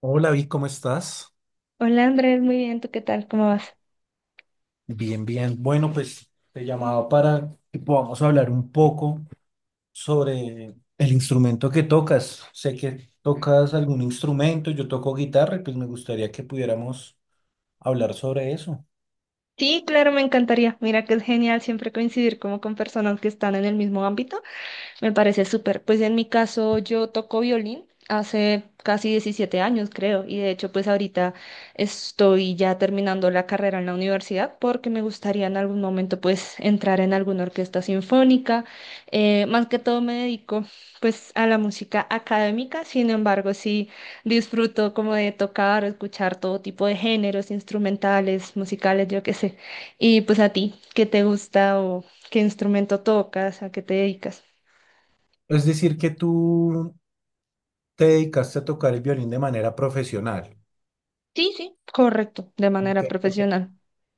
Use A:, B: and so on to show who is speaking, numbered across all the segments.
A: Hola, Vic, ¿cómo estás?
B: Hola Andrés, muy bien, ¿tú qué tal? ¿Cómo vas?
A: Bien, bien. Bueno, pues te llamaba para que podamos hablar un poco sobre el instrumento que tocas. Sé que tocas algún instrumento, yo toco guitarra y pues me gustaría que pudiéramos hablar sobre eso.
B: Sí, claro, me encantaría. Mira que es genial siempre coincidir como con personas que están en el mismo ámbito. Me parece súper. Pues en mi caso yo toco violín hace casi 17 años, creo, y de hecho pues ahorita estoy ya terminando la carrera en la universidad porque me gustaría en algún momento pues entrar en alguna orquesta sinfónica. Más que todo me dedico pues a la música académica, sin embargo sí disfruto como de tocar o escuchar todo tipo de géneros instrumentales, musicales, yo qué sé. Y pues a ti, ¿qué te gusta o qué instrumento tocas, a qué te dedicas?
A: Es decir, que tú te dedicaste a tocar el violín de manera profesional.
B: Sí, sí, correcto, de manera
A: Ok.
B: profesional.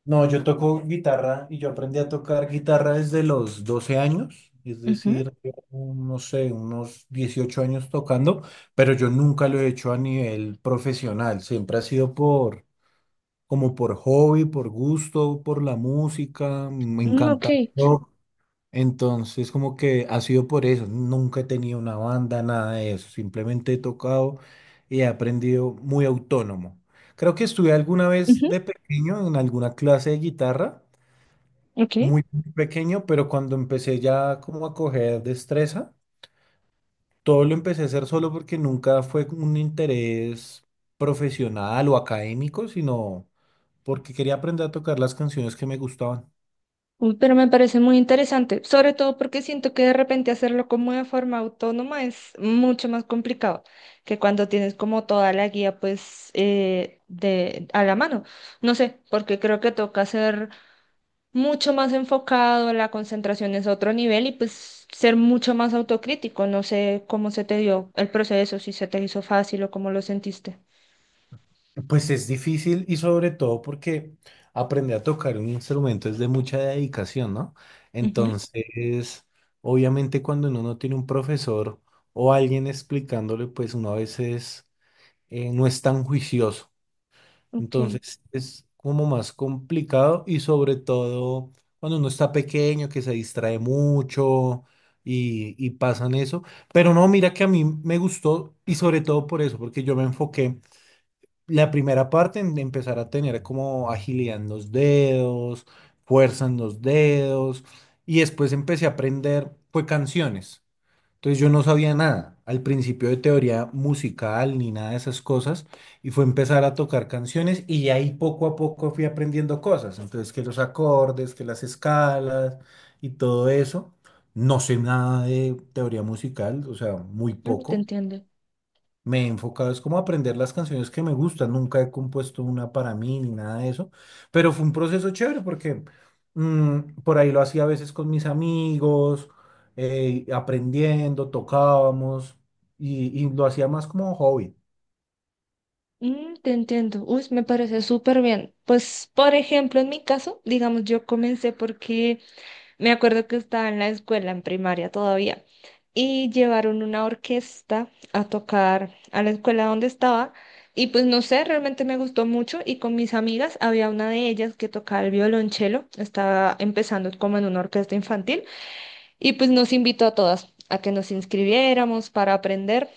A: No, yo toco guitarra y yo aprendí a tocar guitarra desde los 12 años, es
B: Ujú,
A: decir, llevo, no sé, unos 18 años tocando, pero yo nunca lo he hecho a nivel profesional, siempre ha sido por, como por hobby, por gusto, por la música, me
B: mm, ok,
A: encanta el rock, entonces como que ha sido por eso, nunca he tenido una banda, nada de eso, simplemente he tocado y he aprendido muy autónomo. Creo que estuve alguna vez
B: ujú,
A: de pequeño en alguna clase de guitarra
B: ok.
A: muy pequeño, pero cuando empecé ya como a coger destreza, todo lo empecé a hacer solo porque nunca fue como un interés profesional o académico, sino porque quería aprender a tocar las canciones que me gustaban.
B: Uy, pero me parece muy interesante, sobre todo porque siento que de repente hacerlo como de forma autónoma es mucho más complicado que cuando tienes como toda la guía pues de a la mano. No sé, porque creo que toca ser mucho más enfocado, la concentración es otro nivel y pues ser mucho más autocrítico. No sé cómo se te dio el proceso, si se te hizo fácil o cómo lo sentiste.
A: Pues es difícil y sobre todo porque aprender a tocar un instrumento es de mucha dedicación, ¿no?
B: Ujú,
A: Entonces, obviamente cuando uno no tiene un profesor o alguien explicándole, pues uno a veces no es tan juicioso.
B: ok.
A: Entonces es como más complicado y sobre todo cuando uno está pequeño que se distrae mucho y pasan eso. Pero no, mira que a mí me gustó y sobre todo por eso, porque yo me enfoqué la primera parte en empezar a tener como agilidad en los dedos, fuerza en los dedos y después empecé a aprender, fue canciones. Entonces yo no sabía nada al principio de teoría musical ni nada de esas cosas y fue empezar a tocar canciones y de ahí poco a poco fui aprendiendo cosas. Entonces que los acordes, que las escalas y todo eso. No sé nada de teoría musical, o sea, muy
B: Mm, te
A: poco.
B: entiendo.
A: Me he enfocado, es como aprender las canciones que me gustan. Nunca he compuesto una para mí ni nada de eso. Pero fue un proceso chévere porque por ahí lo hacía a veces con mis amigos, aprendiendo, tocábamos y lo hacía más como hobby.
B: Mm, te entiendo. Uy, me parece súper bien. Pues, por ejemplo, en mi caso, digamos, yo comencé porque me acuerdo que estaba en la escuela, en primaria todavía, y llevaron una orquesta a tocar a la escuela donde estaba. Y pues no sé, realmente me gustó mucho y con mis amigas había una de ellas que tocaba el violonchelo, estaba empezando como en una orquesta infantil y pues nos invitó a todas a que nos inscribiéramos para aprender.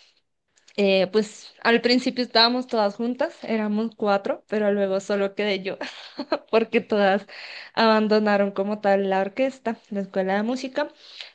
B: Pues al principio estábamos todas juntas, éramos cuatro, pero luego solo quedé yo. Porque todas abandonaron como tal la orquesta, la escuela de música.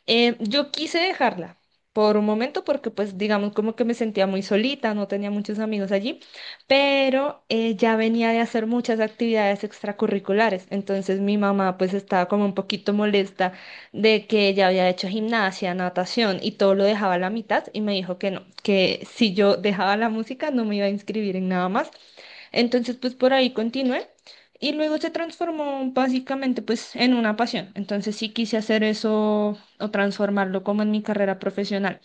B: Yo quise dejarla por un momento porque pues digamos como que me sentía muy solita, no tenía muchos amigos allí, pero ya venía de hacer muchas actividades extracurriculares, entonces mi mamá pues estaba como un poquito molesta de que ella había hecho gimnasia, natación y todo lo dejaba a la mitad y me dijo que no, que si yo dejaba la música no me iba a inscribir en nada más entonces, pues por ahí continué y luego se transformó básicamente pues en una pasión. Entonces sí quise hacer eso o transformarlo como en mi carrera profesional.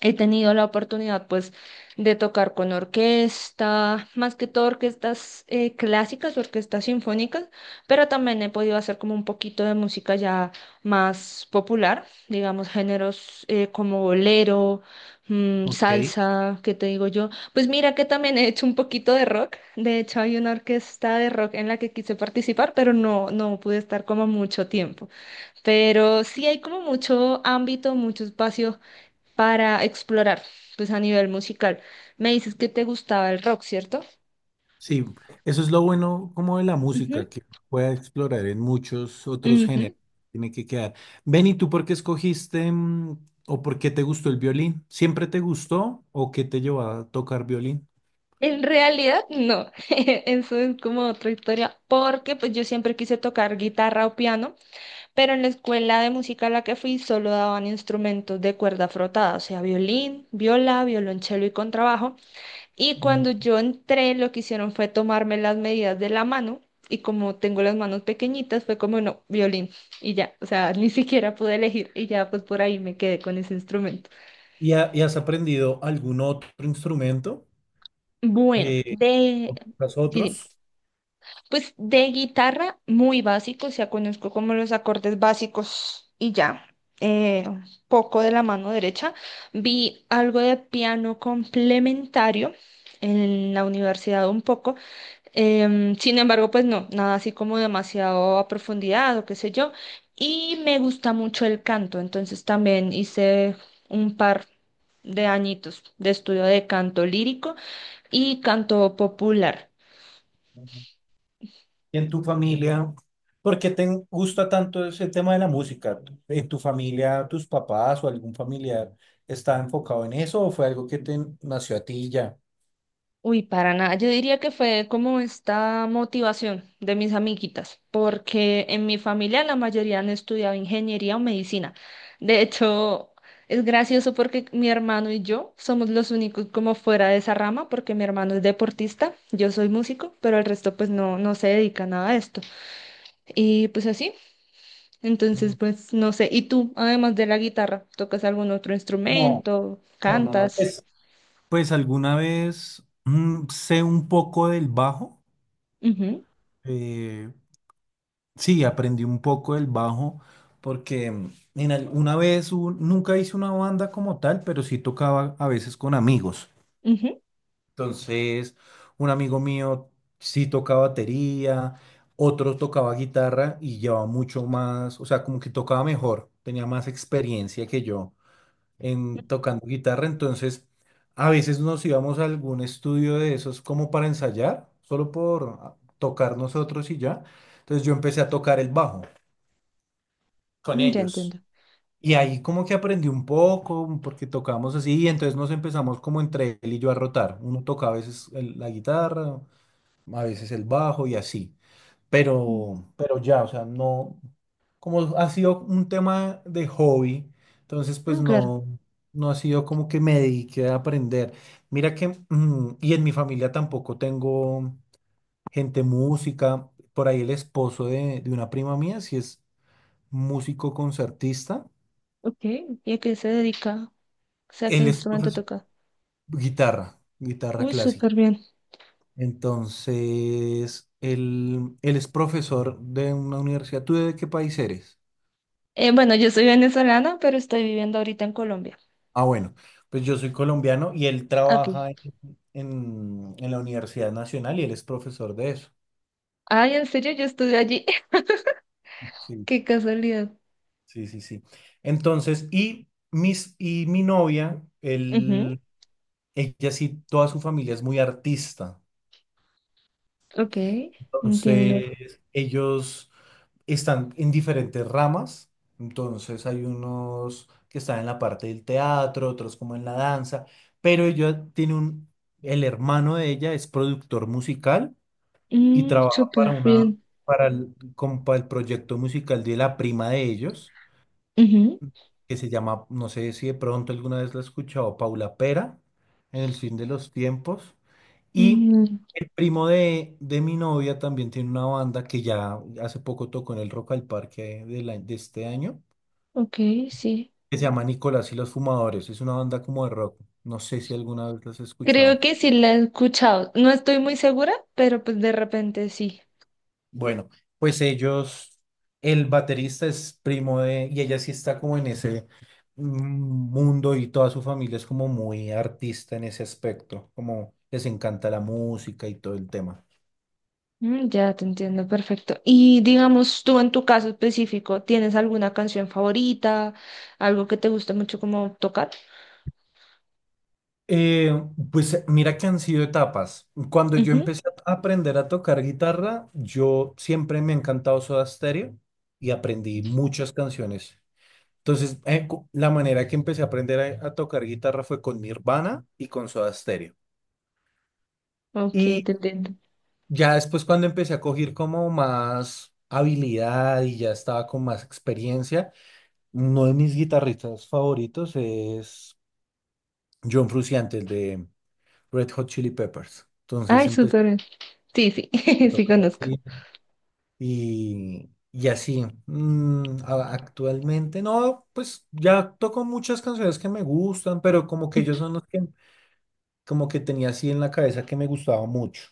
B: He tenido la oportunidad, pues, de tocar con orquesta, más que todo orquestas clásicas, orquestas sinfónicas, pero también he podido hacer como un poquito de música ya más popular, digamos, géneros como bolero, mm,
A: Ok.
B: salsa, ¿qué te digo yo? Pues mira que también he hecho un poquito de rock. De hecho, hay una orquesta de rock en la que quise participar, pero no, no pude estar como mucho tiempo. Pero sí hay como mucho ámbito, mucho espacio para explorar, pues a nivel musical. Me dices que te gustaba el rock, ¿cierto?
A: Sí, eso es lo bueno como de la
B: Ujú,
A: música, que puede explorar en muchos otros
B: ujú.
A: géneros. Tiene que quedar. Ven, ¿y tú por qué escogiste o por qué te gustó el violín? ¿Siempre te gustó o qué te llevó a tocar violín?
B: En realidad, no. Eso es como otra historia, porque pues yo siempre quise tocar guitarra o piano, pero en la escuela de música a la que fui solo daban instrumentos de cuerda frotada, o sea, violín, viola, violonchelo y contrabajo. Y
A: Mm.
B: cuando yo entré, lo que hicieron fue tomarme las medidas de la mano y como tengo las manos pequeñitas, fue como, no, violín y ya, o sea, ni siquiera pude elegir y ya pues por ahí me quedé con ese instrumento.
A: ¿Y, y has aprendido algún otro instrumento?
B: Bueno,
A: Eh,
B: de,
A: ¿Tocas
B: sí, dime.
A: otros?
B: Pues de guitarra muy básico, o sea, conozco como los acordes básicos y ya. eh, Poco de la mano derecha. Vi algo de piano complementario en la universidad un poco. Sin embargo, pues no, nada así como demasiado a profundidad o qué sé yo. Y me gusta mucho el canto, entonces también hice un par de añitos de estudio de canto lírico y canto popular.
A: ¿Y en tu familia? ¿Por qué te gusta tanto ese tema de la música? ¿En tu familia, tus papás o algún familiar está enfocado en eso o fue algo que te nació a ti y ya?
B: Uy, para nada. Yo diría que fue como esta motivación de mis amiguitas, porque en mi familia la mayoría han estudiado ingeniería o medicina. De hecho, es gracioso porque mi hermano y yo somos los únicos como fuera de esa rama, porque mi hermano es deportista, yo soy músico, pero el resto pues no, no se dedica a nada a esto. Y pues así, entonces pues no sé. ¿Y tú, además de la guitarra, tocas algún otro
A: No,
B: instrumento?
A: no, no, no.
B: ¿Cantas?
A: Pues, pues alguna vez sé un poco del bajo.
B: Ujú,
A: eh, Sí, aprendí un poco del bajo porque en una vez nunca hice una banda como tal, pero sí tocaba a veces con amigos.
B: ujú,
A: Entonces, un amigo mío sí tocaba batería, otro tocaba guitarra y llevaba mucho más, o sea, como que tocaba mejor, tenía más experiencia que yo en tocando guitarra. Entonces, a veces nos íbamos a algún estudio de esos como para ensayar, solo por ah, tocar nosotros y ya. Entonces yo empecé a tocar el bajo con
B: mm, ya
A: ellos.
B: entiendo.
A: Y ahí como que aprendí un poco, porque tocamos así, y entonces nos empezamos como entre él y yo a rotar. Uno toca a veces la guitarra, a veces el bajo y así. Pero ya, o sea, no, como ha sido un tema de hobby, entonces pues
B: Mm, claro.
A: no, no ha sido como que me dediqué a aprender. Mira que, y en mi familia tampoco tengo gente música. Por ahí el esposo de una prima mía, si es músico concertista.
B: Ok, ¿y a qué se dedica? O sea, ¿qué
A: Él es
B: instrumento
A: profesor,
B: toca?
A: guitarra
B: Uy,
A: clásica.
B: súper bien.
A: Entonces, él es profesor de una universidad. ¿Tú de qué país eres?
B: Bueno, yo soy venezolana, pero estoy viviendo ahorita en Colombia.
A: Ah, bueno, pues yo soy colombiano y él
B: Ok.
A: trabaja en, en la Universidad Nacional y él es profesor de eso.
B: Ay, en serio, yo estuve allí.
A: Sí,
B: Qué casualidad.
A: sí, sí, sí. Entonces, y, mis, y mi novia,
B: Ujú,
A: él, ella sí, toda su familia es muy artista.
B: ok, entiendo.
A: Entonces, ellos están en diferentes ramas. Entonces, hay unos que están en la parte del teatro, otros como en la danza, pero ella tiene un, el hermano de ella es productor musical y
B: Mm,
A: trabaja para
B: súper
A: una,
B: bien.
A: para el, como para el proyecto musical de la prima de ellos,
B: Ujú,
A: que se llama, no sé si de pronto alguna vez la has escuchado, Paula Pera, en el fin de los tiempos. Y
B: mm,
A: el primo de mi novia también tiene una banda que ya hace poco tocó en el Rock al Parque de, de este año,
B: ok, sí.
A: que se llama Nicolás y los Fumadores. Es una banda como de rock. No sé si alguna vez las has
B: Creo
A: escuchado.
B: que sí la he escuchado. No estoy muy segura, pero pues de repente sí.
A: Bueno, pues ellos, el baterista es primo de, y ella sí está como en ese mm, mundo y toda su familia es como muy artista en ese aspecto, como les encanta la música y todo el tema.
B: Mm, ya te entiendo, perfecto. Y digamos, tú en tu caso específico, ¿tienes alguna canción favorita? ¿Algo que te guste mucho como tocar?
A: Eh, pues mira que han sido etapas. Cuando yo
B: Ujú.
A: empecé a aprender a tocar guitarra, yo siempre me ha encantado Soda Stereo y aprendí muchas canciones. Entonces, la manera que empecé a aprender a tocar guitarra fue con Nirvana y con Soda Stereo.
B: Ok,
A: Y
B: te entiendo.
A: ya después cuando empecé a coger como más habilidad y ya estaba con más experiencia, uno de mis guitarristas favoritos es John Frusciante, el de Red Hot Chili Peppers. Entonces
B: Ay,
A: empecé
B: súper bien. Sí, sí,
A: a
B: sí
A: tocar
B: conozco.
A: así. Actualmente no, pues ya toco muchas canciones que me gustan, pero como que ellos
B: Ujú.
A: son los que como que tenía así en la cabeza que me gustaba mucho.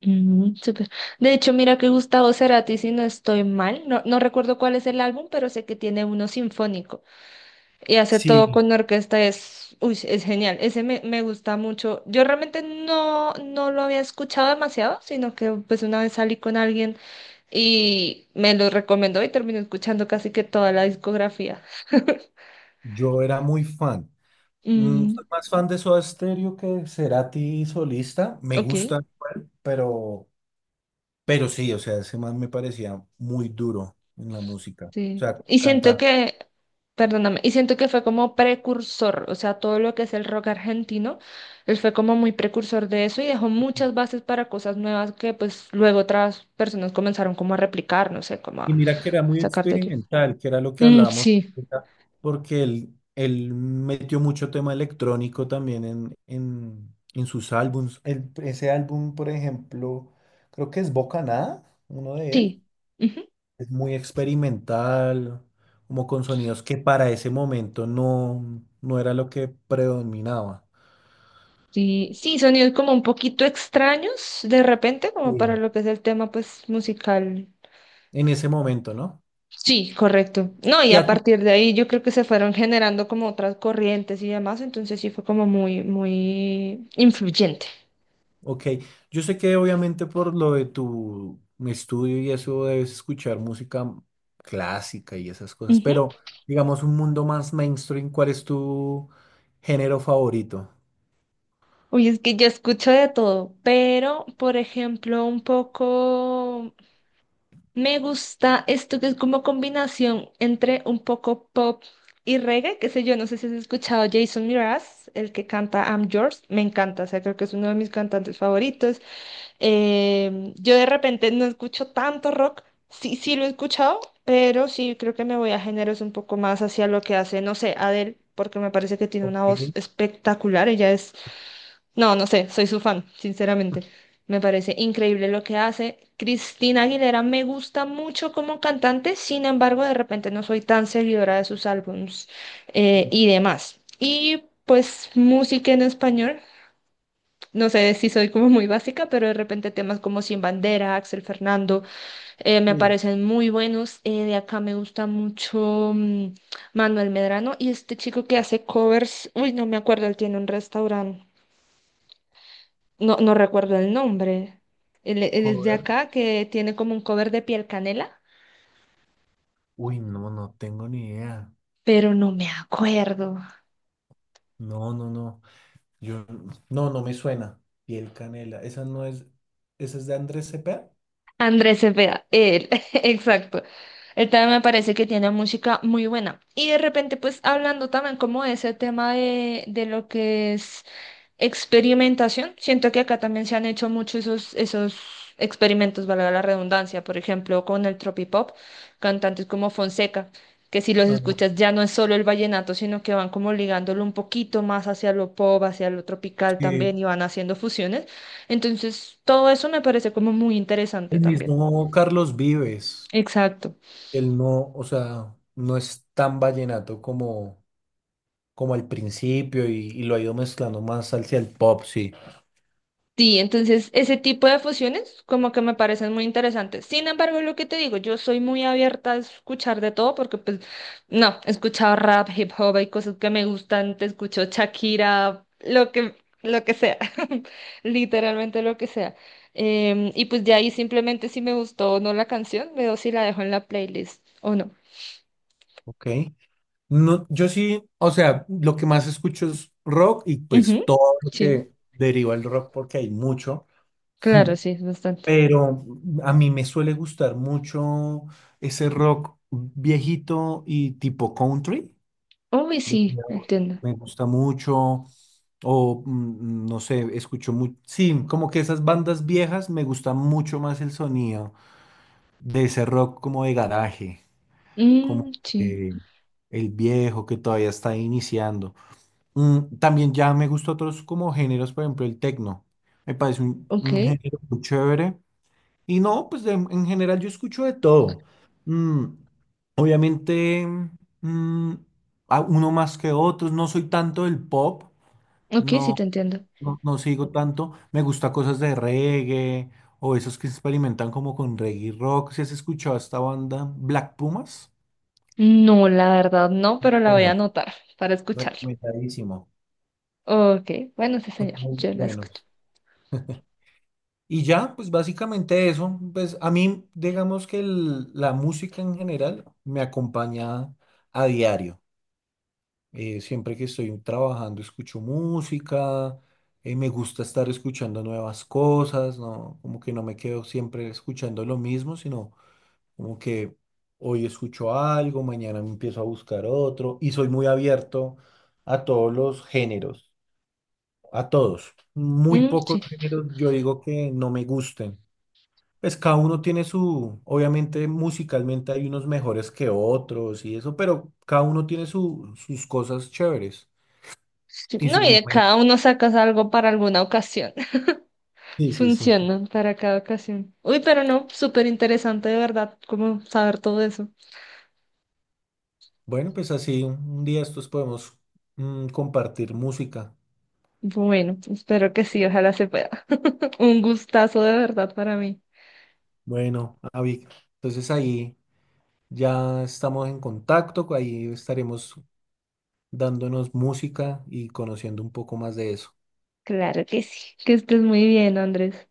B: Mm, súper. De hecho, mira que Gustavo Cerati, si no estoy mal, no, no recuerdo cuál es el álbum, pero sé que tiene uno sinfónico y hace todo
A: Sí,
B: con orquesta, es, uy, es genial. Ese me, me gusta mucho. Yo realmente no, no lo había escuchado demasiado, sino que pues una vez salí con alguien y me lo recomendó y terminé escuchando casi que toda la discografía.
A: yo era muy fan.
B: Mm,
A: Soy más fan de Soda Stereo que de Cerati solista. Me
B: ok.
A: gusta, igual, pero sí, o sea, ese man me parecía muy duro en la música. O
B: Sí.
A: sea,
B: Y siento
A: canta.
B: que, perdóname, y siento que fue como precursor, o sea, todo lo que es el rock argentino, él fue como muy precursor de eso y dejó muchas bases para cosas nuevas que pues luego otras personas comenzaron como a replicar, no sé, como
A: Y
B: a
A: mira que era muy
B: sacar de ello.
A: experimental, que era lo que
B: Mm,
A: hablábamos,
B: sí.
A: ahorita, porque él metió mucho tema electrónico también en sus álbums. Ese álbum, por ejemplo, creo que es Bocanada, uno de él.
B: Sí. Ujú.
A: Es muy experimental, como con sonidos que para ese momento no, no era lo que predominaba.
B: Sí, sí, sonidos como un poquito extraños de repente, como para
A: Sí.
B: lo que es el tema pues musical.
A: En ese momento, ¿no?
B: Sí, correcto. No, y
A: ¿Y
B: a
A: a ti
B: partir de ahí yo creo que se fueron generando como otras corrientes y demás, entonces sí fue como muy, muy influyente.
A: Ok, yo sé que obviamente por lo de tu estudio y eso debes escuchar música clásica y esas cosas,
B: Ujú.
A: pero digamos un mundo más mainstream, ¿cuál es tu género favorito?
B: Uy, es que yo escucho de todo, pero por ejemplo, un poco me gusta esto que es como combinación entre un poco pop y reggae, qué sé yo, no sé si has escuchado Jason Mraz, el que canta I'm Yours, me encanta, o sea, creo que es uno de mis cantantes favoritos. Yo de repente no escucho tanto rock, sí, sí lo he escuchado, pero sí creo que me voy a géneros un poco más hacia lo que hace, no sé, Adele, porque me parece que tiene
A: Ok,
B: una voz espectacular, ella es, no, no sé, soy su fan, sinceramente. Me parece increíble lo que hace. Cristina Aguilera me gusta mucho como cantante, sin embargo, de repente no soy tan seguidora de sus álbums y demás. Y pues música en español. No sé si soy como muy básica, pero de repente temas como Sin Bandera, Axel Fernando, me
A: sí,
B: parecen muy buenos. De acá me gusta mucho mm, Manuel Medrano y este chico que hace covers, uy, no me acuerdo, él tiene un restaurante, no, no recuerdo el nombre. Él es de
A: cover.
B: acá que tiene como un cover de Piel Canela,
A: Uy, no, no tengo ni idea.
B: pero no me acuerdo.
A: No, no, no. Yo, no, no me suena. Piel Canela, esa no es, esa es de Andrés Cepeda.
B: Andrés Cepeda, él, exacto. Él también me parece que tiene música muy buena. Y de repente, pues hablando también como de ese tema de lo que es experimentación, siento que acá también se han hecho muchos esos, esos experimentos, valga la redundancia, por ejemplo, con el tropipop, cantantes como Fonseca, que si los
A: Ah,
B: escuchas ya no es solo el vallenato, sino que van como ligándolo un poquito más hacia lo pop, hacia lo tropical también
A: sí.
B: y van haciendo fusiones. Entonces, todo eso me parece como muy interesante
A: El
B: también.
A: mismo Carlos Vives.
B: Exacto.
A: Él no, o sea, no es tan vallenato como, como al principio y lo ha ido mezclando más hacia el pop, sí.
B: Sí, entonces ese tipo de fusiones como que me parecen muy interesantes. Sin embargo, lo que te digo, yo soy muy abierta a escuchar de todo porque pues no, he escuchado rap, hip hop, hay cosas que me gustan, te escucho Shakira, lo que sea, literalmente lo que sea. Y pues de ahí simplemente si me gustó o no la canción, veo si la dejo en la playlist o no.
A: Ok. No, yo sí, o sea, lo que más escucho es rock y pues
B: Ujú,
A: todo lo
B: sí,
A: que deriva el rock porque hay mucho.
B: claro, sí, es bastante.
A: Pero a mí me suele gustar mucho ese rock viejito y tipo country.
B: Uy,
A: de-
B: sí, entiendo.
A: Me gusta mucho. O no sé, escucho mucho. Sí, como que esas bandas viejas me gusta mucho más el sonido de ese rock como de garaje, como
B: Mm, sí,
A: eh, el viejo que todavía está iniciando. También ya me gusta otros como géneros, por ejemplo, el techno. Me parece un
B: ok.
A: género muy chévere. Y no, pues en general yo escucho de todo. Mm, obviamente, mm, uno más que otros. No soy tanto del pop.
B: Ok, sí
A: No,
B: te entiendo.
A: no, no sigo tanto. Me gusta cosas de reggae o esos que experimentan como con reggae rock. ¿Si has escuchado a esta banda Black Pumas?
B: No, la verdad no, pero la voy a
A: Bueno,
B: anotar para escucharla.
A: recomendadísimo.
B: Ok, bueno, sí,
A: Son
B: señor,
A: muy
B: yo la
A: buenos.
B: escucho.
A: Y ya, pues básicamente eso. Pues a mí, digamos que la música en general me acompaña a diario. Siempre que estoy trabajando escucho música, me gusta estar escuchando nuevas cosas, ¿no? Como que no me quedo siempre escuchando lo mismo, sino como que hoy escucho algo, mañana me empiezo a buscar otro y soy muy abierto a todos los géneros, a todos. Muy
B: Mm,
A: pocos
B: sí.
A: géneros yo digo que no me gusten. Pues cada uno tiene su, obviamente musicalmente hay unos mejores que otros y eso, pero cada uno tiene sus cosas chéveres
B: Sí,
A: y
B: no,
A: sus
B: y de
A: momentos.
B: cada uno sacas algo para alguna ocasión.
A: Sí, sí, sí.
B: Funcionan para cada ocasión. Uy, pero no, súper interesante de verdad, como saber todo eso.
A: Bueno, pues así un día estos podemos compartir música.
B: Bueno, espero que sí, ojalá se pueda. Un gustazo de verdad para mí.
A: Bueno, Avi, entonces ahí. Ya estamos en contacto, ahí estaremos dándonos música y conociendo un poco más de eso.
B: Claro que sí. Que estés muy bien, Andrés.